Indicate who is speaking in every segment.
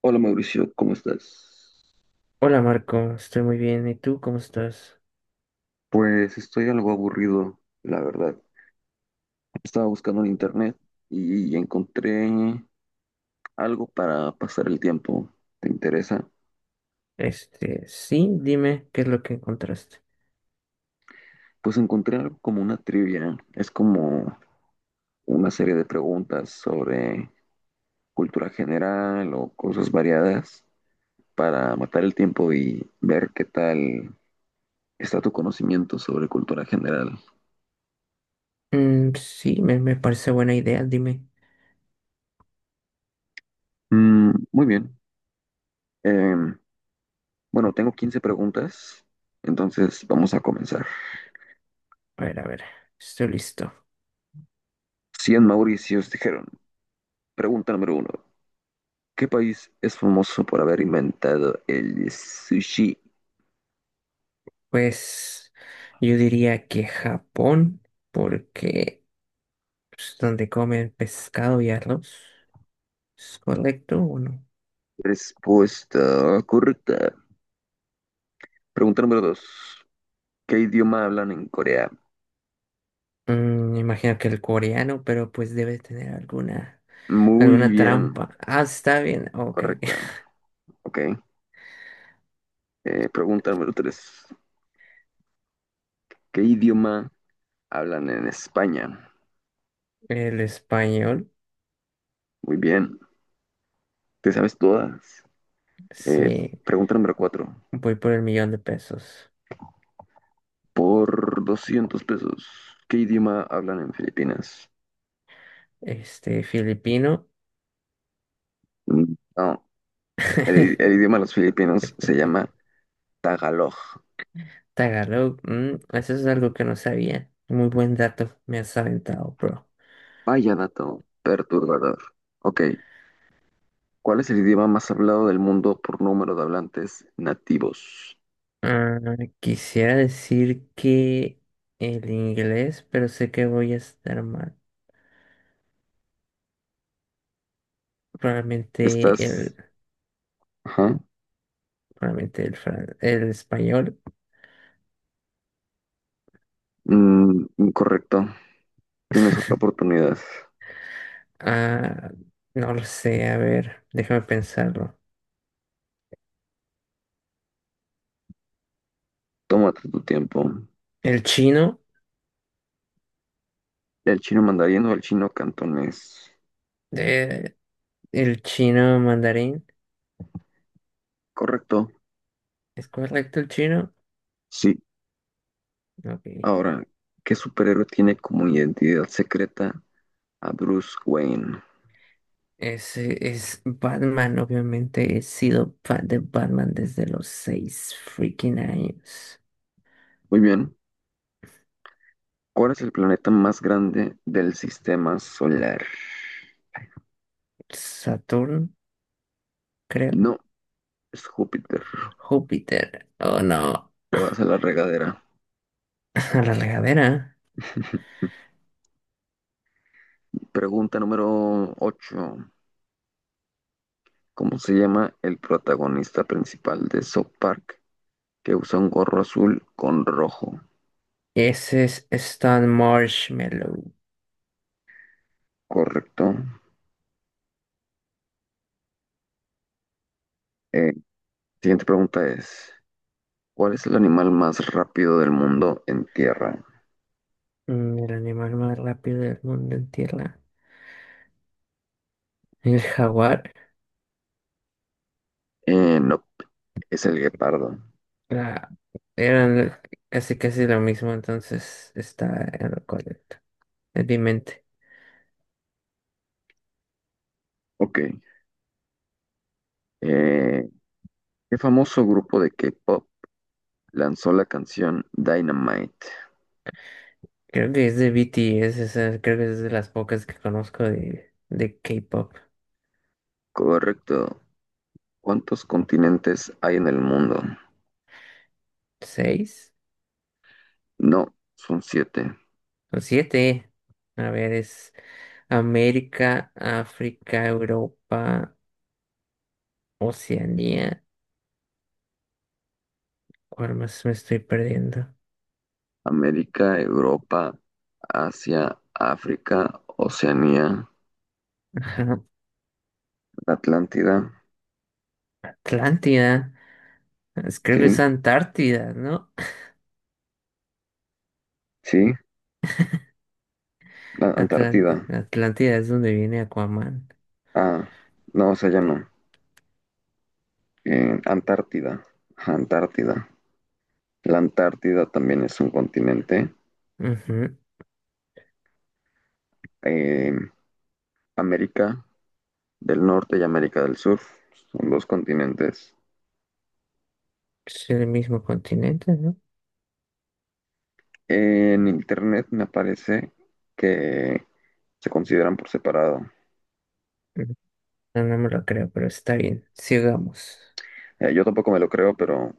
Speaker 1: Hola Mauricio, ¿cómo estás?
Speaker 2: Hola Marco, estoy muy bien. ¿Y tú cómo estás?
Speaker 1: Pues estoy algo aburrido, la verdad. Estaba buscando en internet y encontré algo para pasar el tiempo. ¿Te interesa?
Speaker 2: Este, sí, dime qué es lo que encontraste.
Speaker 1: Pues encontré algo como una trivia. Es como una serie de preguntas sobre cultura general o cosas variadas para matar el tiempo y ver qué tal está tu conocimiento sobre cultura general.
Speaker 2: Mm, sí, me parece buena idea, dime.
Speaker 1: Mm, muy bien. Em, Bueno, tengo 15 preguntas, entonces vamos a comenzar.
Speaker 2: A ver, estoy listo.
Speaker 1: 100 Mauricios dijeron, pregunta número uno, ¿qué país es famoso por haber inventado el sushi?
Speaker 2: Pues yo diría que Japón, porque es donde comen pescado y arroz. ¿Es correcto o no?
Speaker 1: Respuesta correcta. Pregunta número dos, ¿qué idioma hablan en Corea?
Speaker 2: Imagino que el coreano, pero pues debe tener alguna,
Speaker 1: Muy
Speaker 2: alguna
Speaker 1: bien,
Speaker 2: trampa. Ah, está bien, ok.
Speaker 1: correcta. Ok. Pregunta número tres, ¿qué idioma hablan en España?
Speaker 2: El español,
Speaker 1: Muy bien, ¿te sabes todas? Eh,
Speaker 2: sí.
Speaker 1: pregunta número cuatro.
Speaker 2: Voy por el millón de pesos.
Speaker 1: Por 200 pesos. ¿Qué idioma hablan en Filipinas?
Speaker 2: Este, filipino.
Speaker 1: Mm, no, el idioma de los filipinos se llama Tagalog.
Speaker 2: Tagalog. Eso es algo que no sabía. Muy buen dato, me has aventado, bro.
Speaker 1: Vaya dato perturbador. Ok, ¿cuál es el idioma más hablado del mundo por número de hablantes nativos?
Speaker 2: Ah, quisiera decir que el inglés, pero sé que voy a estar mal. Probablemente
Speaker 1: Estás...
Speaker 2: el,
Speaker 1: Ajá.
Speaker 2: probablemente el español.
Speaker 1: Mm, incorrecto. Tienes otra oportunidad.
Speaker 2: Ah, no lo sé, a ver, déjame pensarlo.
Speaker 1: Tómate tu tiempo.
Speaker 2: El chino,
Speaker 1: ¿El chino mandarín o el chino cantonés?
Speaker 2: eh, el chino mandarín.
Speaker 1: Correcto.
Speaker 2: ¿Es correcto el chino?
Speaker 1: Sí.
Speaker 2: Ok.
Speaker 1: Ahora, ¿qué superhéroe tiene como identidad secreta a Bruce Wayne?
Speaker 2: Es Batman, obviamente he sido fan de Batman desde los 6 freaking años.
Speaker 1: Muy bien. ¿Cuál es el planeta más grande del sistema solar?
Speaker 2: Saturno, creo.
Speaker 1: No, es Júpiter.
Speaker 2: Júpiter. Oh no.
Speaker 1: Te vas a la regadera.
Speaker 2: A la regadera.
Speaker 1: Pregunta número 8. ¿Cómo se llama el protagonista principal de South Park que usa un gorro azul con rojo?
Speaker 2: Ese es Stan Marshmallow.
Speaker 1: Correcto. Eh, siguiente pregunta es, ¿cuál es el animal más rápido del mundo en tierra?
Speaker 2: El animal más rápido del mundo en tierra. El jaguar.
Speaker 1: No, es el guepardo.
Speaker 2: la- Eran casi casi lo mismo, entonces está en lo correcto. Es mi mente.
Speaker 1: Ok. Eh, ¿Qué famoso grupo de K-pop lanzó la canción Dynamite?
Speaker 2: Creo que es de BTS, esa, creo que es de las pocas que conozco de K-pop.
Speaker 1: Correcto. ¿Cuántos continentes hay en el mundo?
Speaker 2: ¿Seis
Speaker 1: No, son siete.
Speaker 2: o siete? A ver, es América, África, Europa, Oceanía. ¿Cuál más me estoy perdiendo?
Speaker 1: América, Europa, Asia, África, Oceanía,
Speaker 2: Ajá,
Speaker 1: la Atlántida.
Speaker 2: Atlántida. Creo
Speaker 1: Sí,
Speaker 2: que es Antártida, ¿no?
Speaker 1: sí, la Antártida.
Speaker 2: Atlántida es donde viene Aquaman.
Speaker 1: Ah, no, o sea, ya no. Antártida. Ajá, Antártida. La Antártida también es un continente.
Speaker 2: Ujú.
Speaker 1: Eh, América del Norte y América del Sur, son dos continentes.
Speaker 2: Es el mismo continente, ¿no?
Speaker 1: En internet me parece que se consideran por separado.
Speaker 2: Ujú. No, no me lo creo, pero está bien. Sigamos.
Speaker 1: Yo tampoco me lo creo, pero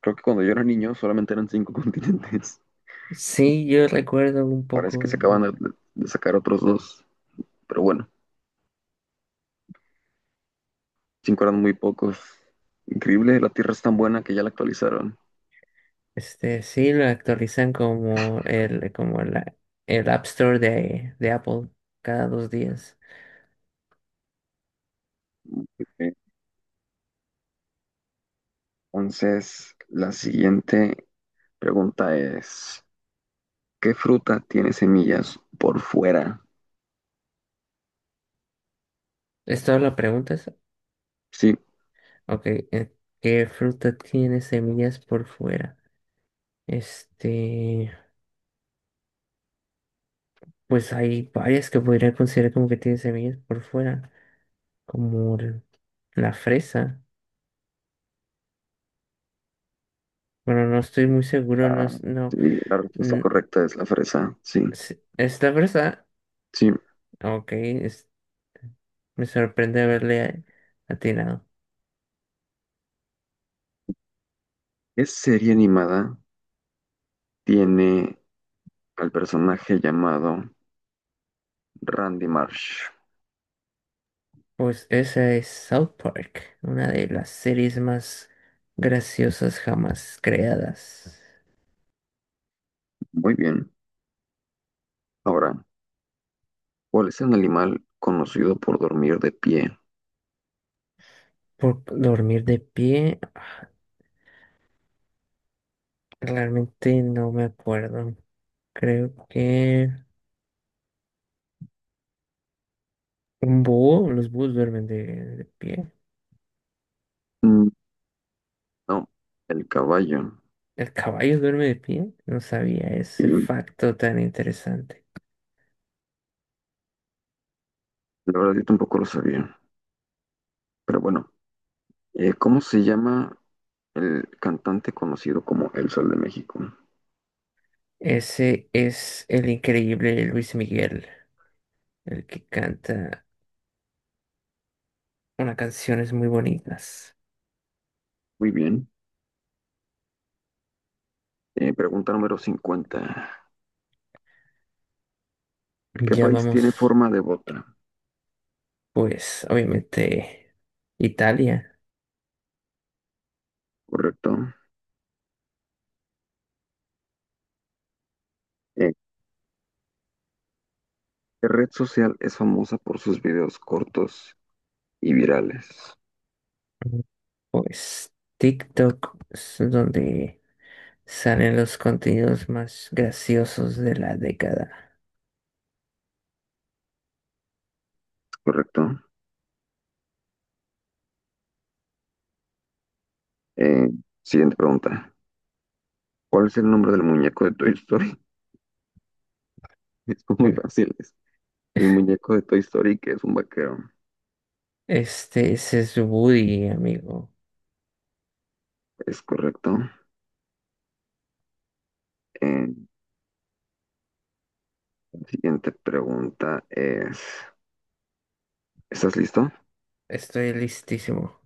Speaker 1: creo que cuando yo era niño solamente eran cinco continentes.
Speaker 2: Sí, yo recuerdo un
Speaker 1: Parece
Speaker 2: poco,
Speaker 1: que se acaban de sacar otros dos, pero bueno, cinco eran muy pocos. Increíble, la Tierra es tan buena que ya la actualizaron.
Speaker 2: este, sí, lo actualizan como el, como la, el App Store de Apple cada 2 días.
Speaker 1: Entonces, la siguiente pregunta es, ¿qué fruta tiene semillas por fuera?
Speaker 2: ¿Es toda la pregunta esa?
Speaker 1: Sí,
Speaker 2: Ok, ¿qué fruta tiene semillas por fuera? Este, pues hay varias que podría considerar como que tienen semillas por fuera, como la fresa. Bueno, no estoy muy seguro, no,
Speaker 1: ah,
Speaker 2: no.
Speaker 1: sí, la respuesta
Speaker 2: mm,
Speaker 1: correcta es la fresa, sí,
Speaker 2: ¿Es la fresa?
Speaker 1: sí.
Speaker 2: Ok, me sorprende haberle atinado.
Speaker 1: Es serie animada, tiene al personaje llamado Randy Marsh.
Speaker 2: Pues esa es South Park, una de las series más graciosas jamás creadas.
Speaker 1: Muy bien. Ahora, ¿cuál es el animal conocido por dormir de pie?
Speaker 2: Por dormir de pie, realmente no me acuerdo. Creo que un búho, los búhos duermen de pie.
Speaker 1: Mm, no, el caballo.
Speaker 2: El caballo duerme de pie. No sabía ese facto tan interesante.
Speaker 1: La verdad, yo tampoco lo sabía. Pero bueno, ¿cómo se llama el cantante conocido como El Sol de México?
Speaker 2: Ese es el increíble Luis Miguel, el que canta unas canciones muy bonitas.
Speaker 1: Muy bien. Pregunta número 50. ¿Qué
Speaker 2: Ya
Speaker 1: país
Speaker 2: vamos,
Speaker 1: tiene forma de bota?
Speaker 2: pues, obviamente, Italia.
Speaker 1: ¿Correcto? Eh, La red social es famosa por sus videos cortos y virales,
Speaker 2: Pues TikTok es donde salen los contenidos más graciosos de la década.
Speaker 1: ¿correcto? Eh, siguiente pregunta. ¿Cuál es el nombre del muñeco de Toy Story? Es muy
Speaker 2: Bueno,
Speaker 1: fácil. Es el muñeco de Toy Story, que es un vaquero.
Speaker 2: este, ese es Woody, amigo.
Speaker 1: Es correcto. Eh, la siguiente pregunta es, ¿estás listo?
Speaker 2: Estoy listísimo.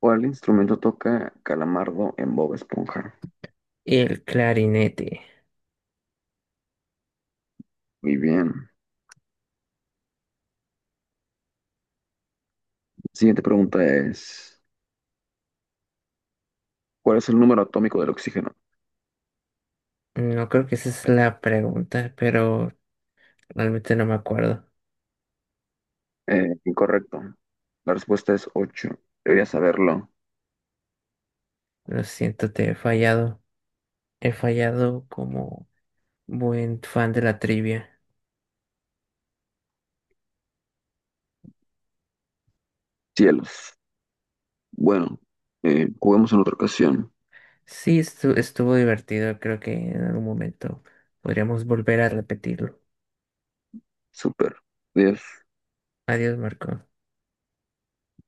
Speaker 1: ¿Cuál instrumento toca Calamardo en Bob Esponja?
Speaker 2: El clarinete.
Speaker 1: Muy bien. Siguiente pregunta es, ¿cuál es el número atómico del oxígeno?
Speaker 2: No creo que esa es la pregunta, pero realmente no me acuerdo.
Speaker 1: Incorrecto. La respuesta es 8. Debería saberlo.
Speaker 2: Lo siento, te he fallado. He fallado como buen fan de la trivia.
Speaker 1: Cielos. Bueno, juguemos en otra ocasión.
Speaker 2: Sí, estuvo divertido. Creo que en algún momento podríamos volver a repetirlo.
Speaker 1: Súper. Adiós.
Speaker 2: Adiós, Marco.